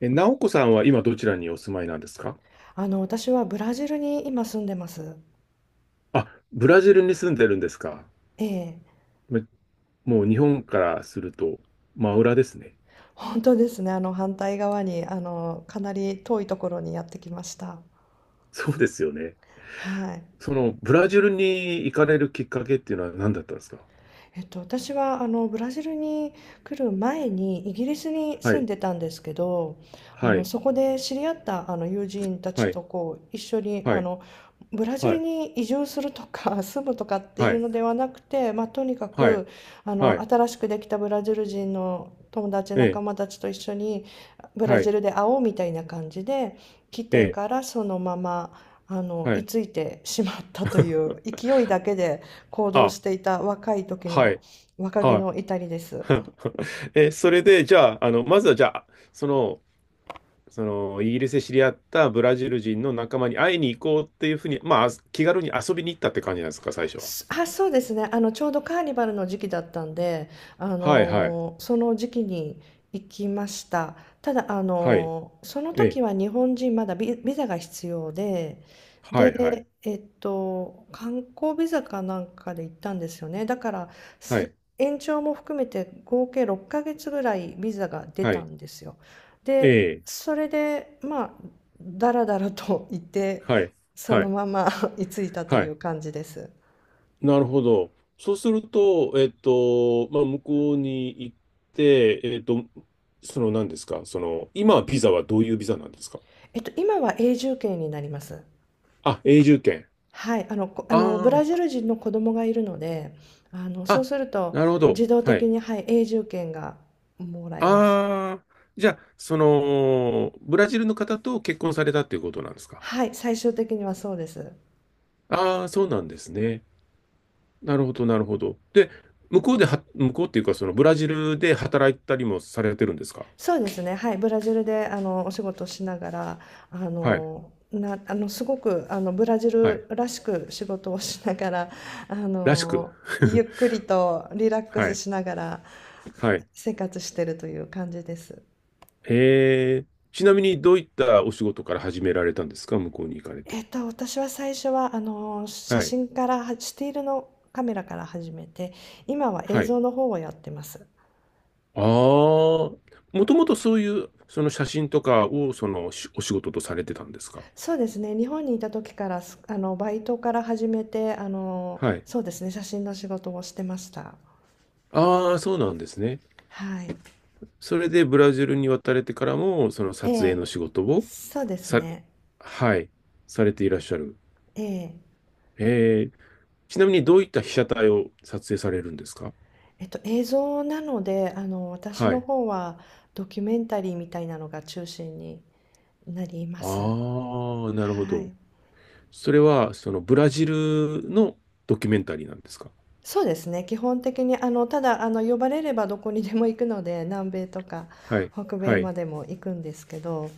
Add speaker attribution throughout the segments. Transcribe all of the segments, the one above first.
Speaker 1: え、直子さんは今どちらにお住まいなんですか？
Speaker 2: 私はブラジルに今住んでます。
Speaker 1: あ、ブラジルに住んでるんですか。
Speaker 2: ええ、
Speaker 1: めもう日本からすると真裏ですね。
Speaker 2: 本当ですね。反対側に、かなり遠いところにやってきました。
Speaker 1: そうですよね。
Speaker 2: はい。
Speaker 1: そのブラジルに行かれるきっかけっていうのは何だったんですか？
Speaker 2: 私はブラジルに来る前にイギリスに
Speaker 1: は
Speaker 2: 住ん
Speaker 1: い、
Speaker 2: でたんですけど、
Speaker 1: はい、
Speaker 2: そこで知り合った友人た
Speaker 1: は
Speaker 2: ち
Speaker 1: い、
Speaker 2: とこう一緒に
Speaker 1: はい、
Speaker 2: ブラジ
Speaker 1: は
Speaker 2: ル
Speaker 1: い、
Speaker 2: に移住するとか 住むとかって
Speaker 1: は
Speaker 2: いう
Speaker 1: い、
Speaker 2: のではなくて、まあ、とにか
Speaker 1: はい、
Speaker 2: く
Speaker 1: はい、
Speaker 2: 新しくできたブラジル人の友達
Speaker 1: え
Speaker 2: 仲
Speaker 1: え、
Speaker 2: 間たちと一緒にブラ
Speaker 1: は
Speaker 2: ジ
Speaker 1: い、
Speaker 2: ルで会おうみたいな感じで来
Speaker 1: え
Speaker 2: て
Speaker 1: え、
Speaker 2: からそのまま
Speaker 1: は
Speaker 2: 居
Speaker 1: い、
Speaker 2: ついてしまったという勢いだけで行動
Speaker 1: あ、
Speaker 2: していた若い時
Speaker 1: は
Speaker 2: の
Speaker 1: い、
Speaker 2: 若気
Speaker 1: は
Speaker 2: の至りです。
Speaker 1: い。それで、じゃあ、まずはじゃあ、その、そのイギリスで知り合ったブラジル人の仲間に会いに行こうっていうふうに、まあ、気軽に遊びに行ったって感じなんですか、最初は。
Speaker 2: そうですね。ちょうどカーニバルの時期だったんで、
Speaker 1: はいはい。
Speaker 2: その時期に行きました。ただ、
Speaker 1: はい。
Speaker 2: その
Speaker 1: え
Speaker 2: 時
Speaker 1: え。
Speaker 2: は日本人まだビザが必要で、
Speaker 1: はいはい。
Speaker 2: で、えっと、観光ビザかなんかで行ったんですよね。だから、
Speaker 1: は
Speaker 2: す
Speaker 1: い。
Speaker 2: 延長も含めて合計6ヶ月ぐらいビザが出
Speaker 1: は
Speaker 2: た
Speaker 1: い。
Speaker 2: んですよ。
Speaker 1: え
Speaker 2: で、
Speaker 1: え。
Speaker 2: それで、まあ、だらだらと行って、
Speaker 1: はい。
Speaker 2: そ
Speaker 1: は
Speaker 2: の
Speaker 1: い。
Speaker 2: まま 居ついたと
Speaker 1: は
Speaker 2: い
Speaker 1: い。
Speaker 2: う感じです。
Speaker 1: なるほど。そうすると、まあ、向こうに行って、何ですか、今はビザはどういうビザなんですか？
Speaker 2: えっと、今は永住権になります。
Speaker 1: あ、永住権。
Speaker 2: はい、あの、ブ
Speaker 1: あ
Speaker 2: ラジル人の子供がいるので、あの、
Speaker 1: あ、
Speaker 2: そう
Speaker 1: あ、
Speaker 2: すると
Speaker 1: なるほど。
Speaker 2: 自動
Speaker 1: は
Speaker 2: 的
Speaker 1: い。
Speaker 2: に、はい、永住権がもらえます。
Speaker 1: ああ、じゃあ、ブラジルの方と結婚されたっていうことなんですか。
Speaker 2: はい、最終的にはそうです。
Speaker 1: ああ、そうなんですね。なるほど、なるほど。で、向こうでは、向こうっていうか、そのブラジルで働いたりもされてるんですか。
Speaker 2: そうですね、はい、ブラジルでお仕事をしながら、
Speaker 1: はい、
Speaker 2: あのすごくあのブラジ
Speaker 1: は
Speaker 2: ル
Speaker 1: い。
Speaker 2: らしく仕事をしながら、あ
Speaker 1: らしく。
Speaker 2: の、ゆ っくりとリラック
Speaker 1: は
Speaker 2: ス
Speaker 1: い、
Speaker 2: しながら
Speaker 1: はい。
Speaker 2: 生活してるという感じです。
Speaker 1: えー、ちなみにどういったお仕事から始められたんですか、向こうに行かれ
Speaker 2: え
Speaker 1: て。
Speaker 2: っと、私は最初は、あの、写
Speaker 1: はい、
Speaker 2: 真からは、スティールのカメラから始めて、今は映
Speaker 1: はい。
Speaker 2: 像の方をやってます。
Speaker 1: ああ、もともとそういう、その写真とかを、お仕事とされてたんですか。
Speaker 2: そうですね、日本にいた時から、あの、バイトから始めて、あの、
Speaker 1: はい。
Speaker 2: そうですね、写真の仕事をしてました。
Speaker 1: ああ、そうなんですね。
Speaker 2: はい。
Speaker 1: それでブラジルに渡れてからも、その
Speaker 2: え
Speaker 1: 撮影
Speaker 2: え、
Speaker 1: の仕事を
Speaker 2: そうです
Speaker 1: さ、
Speaker 2: ね。
Speaker 1: はい、されていらっしゃる。
Speaker 2: ええ、
Speaker 1: えー、ちなみにどういった被写体を撮影されるんですか？
Speaker 2: えっと、映像なので、あの、私
Speaker 1: は
Speaker 2: の
Speaker 1: い。
Speaker 2: 方はドキュメンタリーみたいなのが中心になります。
Speaker 1: ああ、なるほ
Speaker 2: は
Speaker 1: ど。
Speaker 2: い。
Speaker 1: それは、そのブラジルのドキュメンタリーなんですか？
Speaker 2: そうですね、基本的にあの、ただあの、呼ばれればどこにでも行くので、南米とか
Speaker 1: はい、
Speaker 2: 北米
Speaker 1: はい。
Speaker 2: までも行くんですけど、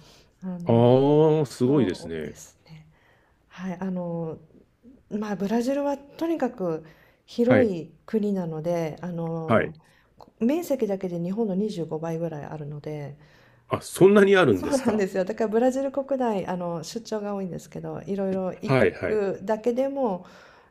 Speaker 2: あの、
Speaker 1: ああ、すごい
Speaker 2: そ
Speaker 1: です
Speaker 2: うで
Speaker 1: ね。
Speaker 2: すね。はい、あの、まあ、ブラジルはとにかく
Speaker 1: は
Speaker 2: 広
Speaker 1: い、
Speaker 2: い国なので、あ
Speaker 1: はい。
Speaker 2: の、面積だけで日本の25倍ぐらいあるので、
Speaker 1: あ、そんなにあるん
Speaker 2: そ
Speaker 1: で
Speaker 2: う
Speaker 1: す
Speaker 2: なんで
Speaker 1: か？
Speaker 2: すよ。だからブラジル国内、あの、出張が多いんですけど、いろいろ行
Speaker 1: はい、はい、
Speaker 2: くだけでも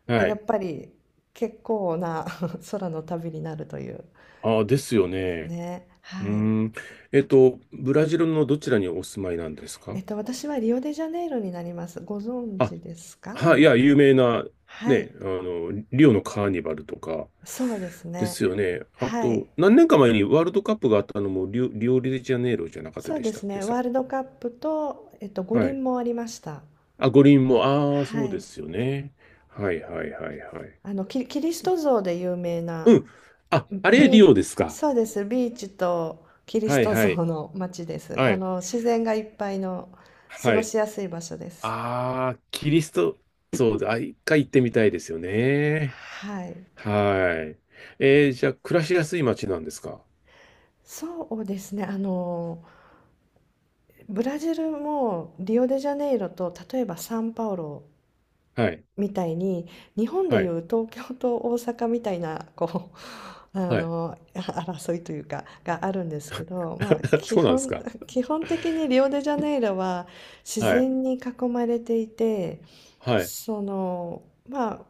Speaker 1: は
Speaker 2: やっ
Speaker 1: い。
Speaker 2: ぱり結構な 空の旅になるという
Speaker 1: ああ、ですよ
Speaker 2: です
Speaker 1: ね。
Speaker 2: ね。
Speaker 1: うー
Speaker 2: はい。
Speaker 1: ん。ブラジルのどちらにお住まいなんです
Speaker 2: え
Speaker 1: か？
Speaker 2: っと、私はリオデジャネイロになります。ご存
Speaker 1: あ、
Speaker 2: 知ですか？あ
Speaker 1: はい、い
Speaker 2: の、
Speaker 1: や、有名な、
Speaker 2: は
Speaker 1: ね、
Speaker 2: い。
Speaker 1: あの、リオのカーニバルとか
Speaker 2: そうです
Speaker 1: で
Speaker 2: ね。
Speaker 1: すよね。あ
Speaker 2: は
Speaker 1: と、
Speaker 2: い。
Speaker 1: 何年か前にワールドカップがあったのもリオデジャネイロじゃなかった
Speaker 2: そう
Speaker 1: で
Speaker 2: で
Speaker 1: したっ
Speaker 2: す
Speaker 1: け、
Speaker 2: ね。
Speaker 1: さ。
Speaker 2: ワールドカップと、えっと、五
Speaker 1: はい。
Speaker 2: 輪もありました。
Speaker 1: あ、五輪も、ああ、
Speaker 2: は
Speaker 1: そうで
Speaker 2: い。
Speaker 1: すよね。はいはいはいはい。
Speaker 2: あの、キリス
Speaker 1: す
Speaker 2: ト像で有名な、
Speaker 1: うん。あ、あれ、
Speaker 2: ビ
Speaker 1: リ
Speaker 2: ー、
Speaker 1: オですか。
Speaker 2: そうです。ビーチとキリス
Speaker 1: はい
Speaker 2: ト
Speaker 1: は
Speaker 2: 像
Speaker 1: い。
Speaker 2: の街です。
Speaker 1: は
Speaker 2: あ
Speaker 1: い。
Speaker 2: の、自然がいっぱいの過
Speaker 1: は
Speaker 2: ご
Speaker 1: い。
Speaker 2: しやすい場所です。
Speaker 1: ああ、キリスト、そうだ。あ、一回行ってみたいですよね。
Speaker 2: はい。
Speaker 1: はい。じゃあ、暮らしやすい街なんですか？
Speaker 2: そうですね。あの、ブラジルもリオデジャネイロと例えばサンパウロ
Speaker 1: はい。
Speaker 2: みたいに、日本で
Speaker 1: は
Speaker 2: い
Speaker 1: い。
Speaker 2: う東京と大阪みたいな、こう、あ
Speaker 1: はい。
Speaker 2: の、争いというか、があるんですけど、まあ、
Speaker 1: そうなんですか？
Speaker 2: 基本的にリオデジャネイロは自
Speaker 1: はい。
Speaker 2: 然に囲まれていて、
Speaker 1: はい。
Speaker 2: その、まあ、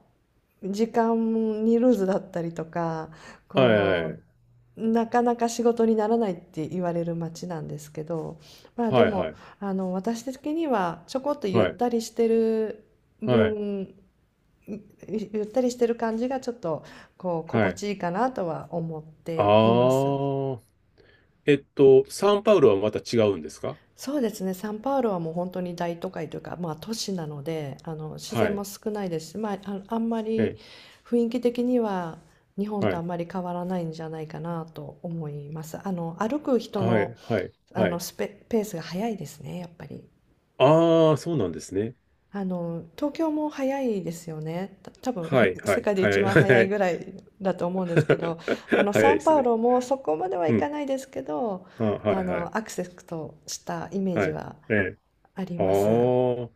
Speaker 2: 時間にルーズだったりとか、
Speaker 1: はい。は
Speaker 2: こ
Speaker 1: い。
Speaker 2: う、なかなか仕事にならないって言われる街なんですけど、まあで
Speaker 1: は
Speaker 2: も、
Speaker 1: い。
Speaker 2: あの、私的にはちょこっとゆっ
Speaker 1: はい。
Speaker 2: たりしてる
Speaker 1: はい。
Speaker 2: 分、ゆゆったりしてる感じがちょっとこう
Speaker 1: は
Speaker 2: 心地
Speaker 1: い。
Speaker 2: いいかなとは思っ
Speaker 1: あ
Speaker 2: ています。
Speaker 1: ー。サンパウロはまた違うんですか？
Speaker 2: そうですね、サンパウロはもう本当に大都会というか、まあ、都市なので、あの、自
Speaker 1: は
Speaker 2: 然
Speaker 1: い。
Speaker 2: も少ないですし、まあ、あの、あんまり
Speaker 1: え、
Speaker 2: 雰囲気的には日本
Speaker 1: は
Speaker 2: とあ
Speaker 1: い。
Speaker 2: んまり変わらないんじゃないかなと思います。あの、歩く人
Speaker 1: はい。
Speaker 2: の、
Speaker 1: はい。
Speaker 2: あ
Speaker 1: は
Speaker 2: の、
Speaker 1: い。
Speaker 2: ペースが速いですね、やっぱり。
Speaker 1: あー、そうなんですね。
Speaker 2: あの、東京も早いですよね。多分
Speaker 1: はい。は
Speaker 2: 世
Speaker 1: い。
Speaker 2: 界で
Speaker 1: は
Speaker 2: 一
Speaker 1: い。
Speaker 2: 番早
Speaker 1: は
Speaker 2: い
Speaker 1: い。
Speaker 2: ぐらいだと思うんですけど、あ の、
Speaker 1: 早
Speaker 2: サ
Speaker 1: いで
Speaker 2: ン
Speaker 1: す
Speaker 2: パウ
Speaker 1: ね。
Speaker 2: ロもそこまでは
Speaker 1: う
Speaker 2: い
Speaker 1: ん。
Speaker 2: かないですけど、
Speaker 1: あ、は
Speaker 2: あ
Speaker 1: い。はい。
Speaker 2: の、アクセスとしたイメー
Speaker 1: は
Speaker 2: ジ
Speaker 1: い。
Speaker 2: は
Speaker 1: えー、
Speaker 2: あり
Speaker 1: あ
Speaker 2: ます。
Speaker 1: ー。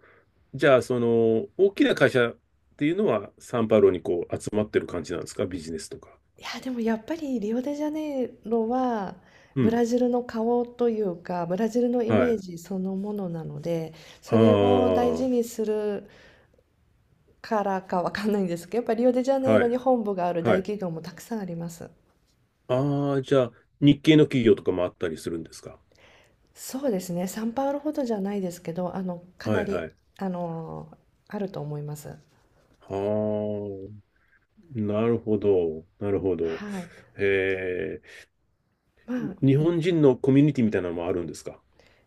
Speaker 1: じゃあ、大きな会社っていうのは、サンパウロにこう集まってる感じなんですか？ビジネスとか。
Speaker 2: いや、でもやっぱりリオデジャネイロは
Speaker 1: う
Speaker 2: ブ
Speaker 1: ん。
Speaker 2: ラジルの顔というか、ブラジルのイ
Speaker 1: は
Speaker 2: メー
Speaker 1: い。
Speaker 2: ジそのものなので、
Speaker 1: あ
Speaker 2: そ
Speaker 1: あ、
Speaker 2: れを大事
Speaker 1: は
Speaker 2: にするからかわかんないんですけど、やっぱリオデジャネイロに
Speaker 1: い。
Speaker 2: 本部がある
Speaker 1: は
Speaker 2: 大
Speaker 1: い。
Speaker 2: 企業もたくさんあります。
Speaker 1: ああ、じゃあ、日系の企業とかもあったりするんですか？
Speaker 2: そうですね、サンパウロほどじゃないですけど、あの、か
Speaker 1: は
Speaker 2: な
Speaker 1: いは
Speaker 2: り、
Speaker 1: い。
Speaker 2: あの、あると思います。
Speaker 1: ああ、なるほど。なるほど。
Speaker 2: はい。
Speaker 1: へえ、
Speaker 2: まあ、
Speaker 1: 日本人のコミュニティみたいなのもあるんですか？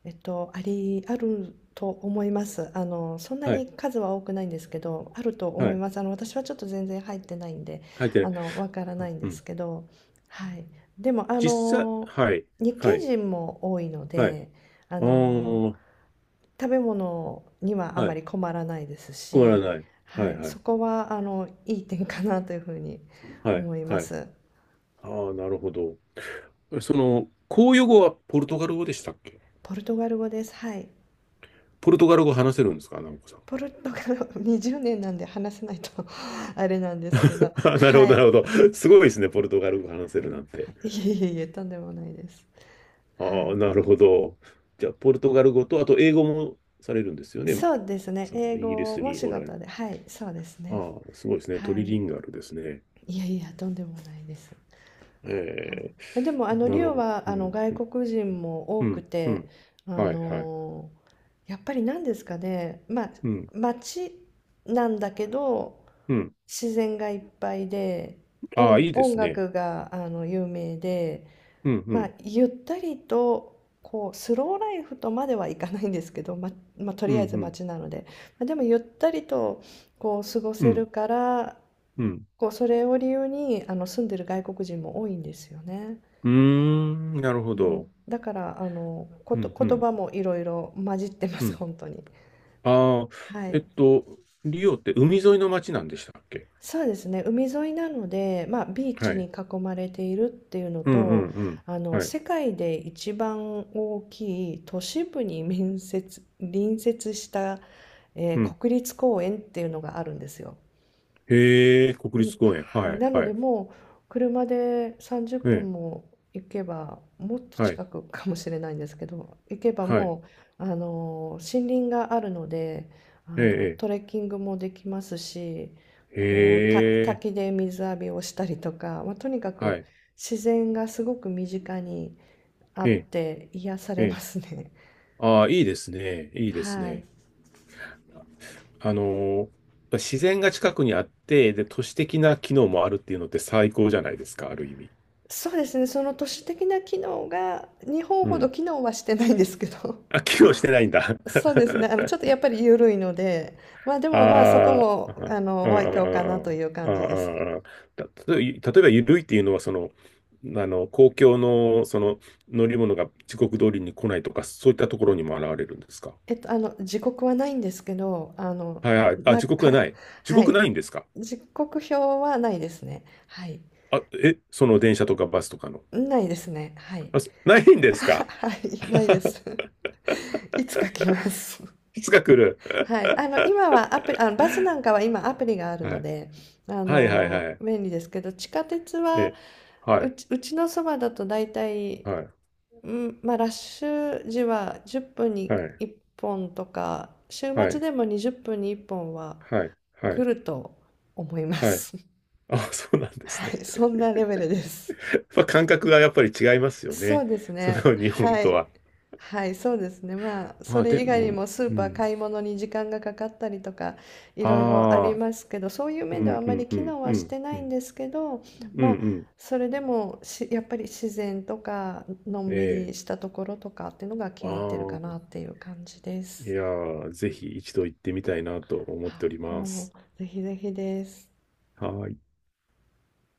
Speaker 2: えっと、あると思います。あの、そんな
Speaker 1: は
Speaker 2: に
Speaker 1: い。
Speaker 2: 数は多くないんですけど、あると
Speaker 1: は
Speaker 2: 思い
Speaker 1: い。
Speaker 2: ます。あの、私はちょっと全然入ってないんで、
Speaker 1: 入ってな
Speaker 2: あ
Speaker 1: い。
Speaker 2: の、わからないん
Speaker 1: う
Speaker 2: です
Speaker 1: ん。
Speaker 2: けど、はい。でも、あ
Speaker 1: 実際、
Speaker 2: の、
Speaker 1: はい。
Speaker 2: 日
Speaker 1: は
Speaker 2: 系
Speaker 1: い。
Speaker 2: 人も多いの
Speaker 1: はい。
Speaker 2: で、あ
Speaker 1: あ
Speaker 2: の、
Speaker 1: あ、
Speaker 2: 食べ物にはあ
Speaker 1: は
Speaker 2: ま
Speaker 1: い。
Speaker 2: り困らないです
Speaker 1: 困ら
Speaker 2: し、
Speaker 1: ない。は
Speaker 2: は
Speaker 1: い
Speaker 2: い。
Speaker 1: は
Speaker 2: そ
Speaker 1: い。
Speaker 2: こは、あの、いい点かなというふうに
Speaker 1: はい。
Speaker 2: 思いま
Speaker 1: はい。
Speaker 2: す。
Speaker 1: ああ、なるほど。その、公用語はポルトガル語でしたっけ？
Speaker 2: ポルトガル語です。はい。
Speaker 1: ポルトガル語話せるんですか、直子さん。
Speaker 2: ポルトガルは20年なんで話せないと あれなんですけど、
Speaker 1: あ、なるほ
Speaker 2: は
Speaker 1: ど、
Speaker 2: い。
Speaker 1: なるほど。すごいですね、ポルトガル語話せるなんて。
Speaker 2: いえいえいえ、とんでもないです。は
Speaker 1: ああ、
Speaker 2: い。
Speaker 1: なるほど。じゃあ、ポルトガル語と、あと英語もされるんですよね。
Speaker 2: そうですね。
Speaker 1: その
Speaker 2: 英
Speaker 1: イギリ
Speaker 2: 語
Speaker 1: ス
Speaker 2: も
Speaker 1: に
Speaker 2: 仕
Speaker 1: おられる。
Speaker 2: 事で、はい、そうですね。
Speaker 1: ああ、すごいですね。ト
Speaker 2: は
Speaker 1: リ
Speaker 2: い。
Speaker 1: リンガルですね。
Speaker 2: いやいや、とんでもないです。
Speaker 1: え
Speaker 2: はい。
Speaker 1: え、
Speaker 2: までも、あの、
Speaker 1: な
Speaker 2: リ
Speaker 1: る
Speaker 2: オ
Speaker 1: ほど。
Speaker 2: は、
Speaker 1: う
Speaker 2: あの、
Speaker 1: ん、
Speaker 2: 外国人も多
Speaker 1: う
Speaker 2: く
Speaker 1: ん、う
Speaker 2: て、
Speaker 1: ん。
Speaker 2: あ
Speaker 1: はい、はい。
Speaker 2: のやっぱり何ですかね、まあ、
Speaker 1: うん、
Speaker 2: 街なんだけど、
Speaker 1: うん。
Speaker 2: 自然がいっぱいで、
Speaker 1: ああ、いいで
Speaker 2: 音
Speaker 1: すね。
Speaker 2: 楽が、あの、有名で、
Speaker 1: うん、う
Speaker 2: まあ、
Speaker 1: ん、
Speaker 2: ゆったりとこうスローライフとまではいかないんですけど、まあ、と
Speaker 1: うん、
Speaker 2: り
Speaker 1: う
Speaker 2: あえず
Speaker 1: ん、
Speaker 2: 街なので、まあ、でもゆったりとこう過ご
Speaker 1: う
Speaker 2: せ
Speaker 1: ん、
Speaker 2: るから
Speaker 1: うん。
Speaker 2: こうそれを理由にあの住んでる外国人も多いんですよね。
Speaker 1: うーん、なるほ
Speaker 2: うん、
Speaker 1: ど。
Speaker 2: だからあのこ
Speaker 1: う
Speaker 2: と
Speaker 1: んう
Speaker 2: 言
Speaker 1: ん
Speaker 2: 葉もいろいろ混じってま
Speaker 1: う
Speaker 2: す
Speaker 1: ん。
Speaker 2: 本当に。
Speaker 1: ああ、
Speaker 2: は
Speaker 1: えっ
Speaker 2: い。
Speaker 1: と、リオって海沿いの町なんでしたっけ？
Speaker 2: そうですね、海沿いなので、まあ、ビー
Speaker 1: は
Speaker 2: チに
Speaker 1: い。
Speaker 2: 囲まれているっていうの
Speaker 1: うんう
Speaker 2: と、
Speaker 1: んうん。
Speaker 2: あの、
Speaker 1: はい。
Speaker 2: 世界で一番大きい都市部に隣接した、
Speaker 1: うん。
Speaker 2: 国立公園っていうのがあるんですよ。
Speaker 1: へえ、国
Speaker 2: うん、
Speaker 1: 立公園。
Speaker 2: はい、
Speaker 1: はい
Speaker 2: なの
Speaker 1: は
Speaker 2: で
Speaker 1: い。
Speaker 2: もう車で30
Speaker 1: え
Speaker 2: 分
Speaker 1: え、
Speaker 2: も行けばもっと
Speaker 1: はい。
Speaker 2: 近くかもしれないんですけど行けば
Speaker 1: はい。
Speaker 2: もう森林があるのであ
Speaker 1: え
Speaker 2: の
Speaker 1: え、
Speaker 2: トレッキングもできますし
Speaker 1: ええ
Speaker 2: こう
Speaker 1: へえ、
Speaker 2: 滝で水浴びをしたりとか、まあ、とにか
Speaker 1: は
Speaker 2: く
Speaker 1: い。
Speaker 2: 自然がすごく身近にあ
Speaker 1: え
Speaker 2: っ
Speaker 1: え、
Speaker 2: て癒さ
Speaker 1: え
Speaker 2: れま
Speaker 1: え。
Speaker 2: すね。
Speaker 1: ああ、いいですね。いいです
Speaker 2: はい、
Speaker 1: ね。あのー自然が近くにあって、で、都市的な機能もあるっていうのって最高じゃないですか、ある意味。
Speaker 2: そうですね、その都市的な機能が日本
Speaker 1: う
Speaker 2: ほど
Speaker 1: ん。
Speaker 2: 機能はしてないんですけど。
Speaker 1: あ、機能してないんだ。
Speaker 2: そうですね。あの、ちょっと やっぱり緩いので、まあでもまあそこ
Speaker 1: ああ、う
Speaker 2: も、
Speaker 1: ん
Speaker 2: あの、
Speaker 1: うん
Speaker 2: お
Speaker 1: う
Speaker 2: 愛嬌かなと
Speaker 1: ん
Speaker 2: いう
Speaker 1: うんう
Speaker 2: 感じです。
Speaker 1: んうんうん。た例えばゆるいっていうのは、公共の、乗り物が時刻通りに来ないとか、そういったところにも現れるんですか？
Speaker 2: えっと、あの、時刻はないんですけど、
Speaker 1: はいはい。あ、
Speaker 2: な、
Speaker 1: 時刻がない。時
Speaker 2: は
Speaker 1: 刻
Speaker 2: い。
Speaker 1: ないんですか？
Speaker 2: 時刻表はないですね。はい。
Speaker 1: あ、え、その電車とかバスとかの。
Speaker 2: ないですね。はい。
Speaker 1: あ、そないん ですか？
Speaker 2: はい、ないです。いつ書きます。
Speaker 1: いつか来 る。
Speaker 2: はい。あの、今はアプリ、あの、バスなんかは今アプリがある
Speaker 1: は
Speaker 2: の
Speaker 1: い。
Speaker 2: で、あ
Speaker 1: はいはい
Speaker 2: の、
Speaker 1: はい。
Speaker 2: 便利ですけど、地下鉄は、
Speaker 1: え、はい。
Speaker 2: うちのそばだと大体
Speaker 1: はい。
Speaker 2: うん、まあ、ラッシュ時は10分
Speaker 1: は
Speaker 2: に
Speaker 1: い。
Speaker 2: 1本とか、週
Speaker 1: は
Speaker 2: 末
Speaker 1: い。
Speaker 2: でも20分に1本は
Speaker 1: はい。は
Speaker 2: 来
Speaker 1: い。
Speaker 2: ると思いま
Speaker 1: はい。
Speaker 2: す。
Speaker 1: あ、そうなんです
Speaker 2: はい、
Speaker 1: ね。
Speaker 2: そんなレベルです。
Speaker 1: まあ、感覚がやっぱり違いますよ
Speaker 2: そ
Speaker 1: ね。
Speaker 2: うです
Speaker 1: そ
Speaker 2: ね。
Speaker 1: の日本
Speaker 2: は
Speaker 1: と
Speaker 2: い。
Speaker 1: は。
Speaker 2: はい、そうですね。まあ、そ
Speaker 1: まあ
Speaker 2: れ
Speaker 1: で
Speaker 2: 以外に
Speaker 1: も、
Speaker 2: もスー
Speaker 1: う
Speaker 2: パー
Speaker 1: ん。
Speaker 2: 買い物に時間がかかったりとか、いろいろあり
Speaker 1: ああ、
Speaker 2: ますけど、そういう
Speaker 1: う
Speaker 2: 面ではあ
Speaker 1: んう
Speaker 2: まり
Speaker 1: んう
Speaker 2: 機
Speaker 1: ん
Speaker 2: 能は
Speaker 1: う
Speaker 2: して
Speaker 1: ん
Speaker 2: な
Speaker 1: う
Speaker 2: いん
Speaker 1: ん。
Speaker 2: ですけど、
Speaker 1: うんう
Speaker 2: まあ、
Speaker 1: ん。
Speaker 2: それでもし、やっぱり自然とか、のん
Speaker 1: え
Speaker 2: びり
Speaker 1: え。
Speaker 2: したところとかっていうのが気
Speaker 1: あ
Speaker 2: に入ってるか
Speaker 1: あ、
Speaker 2: なっていう感じで
Speaker 1: い
Speaker 2: す。
Speaker 1: やー、ぜひ一度行ってみたいなと思って
Speaker 2: あ
Speaker 1: おりま
Speaker 2: もう、
Speaker 1: す。
Speaker 2: ぜひぜひです。
Speaker 1: はーい。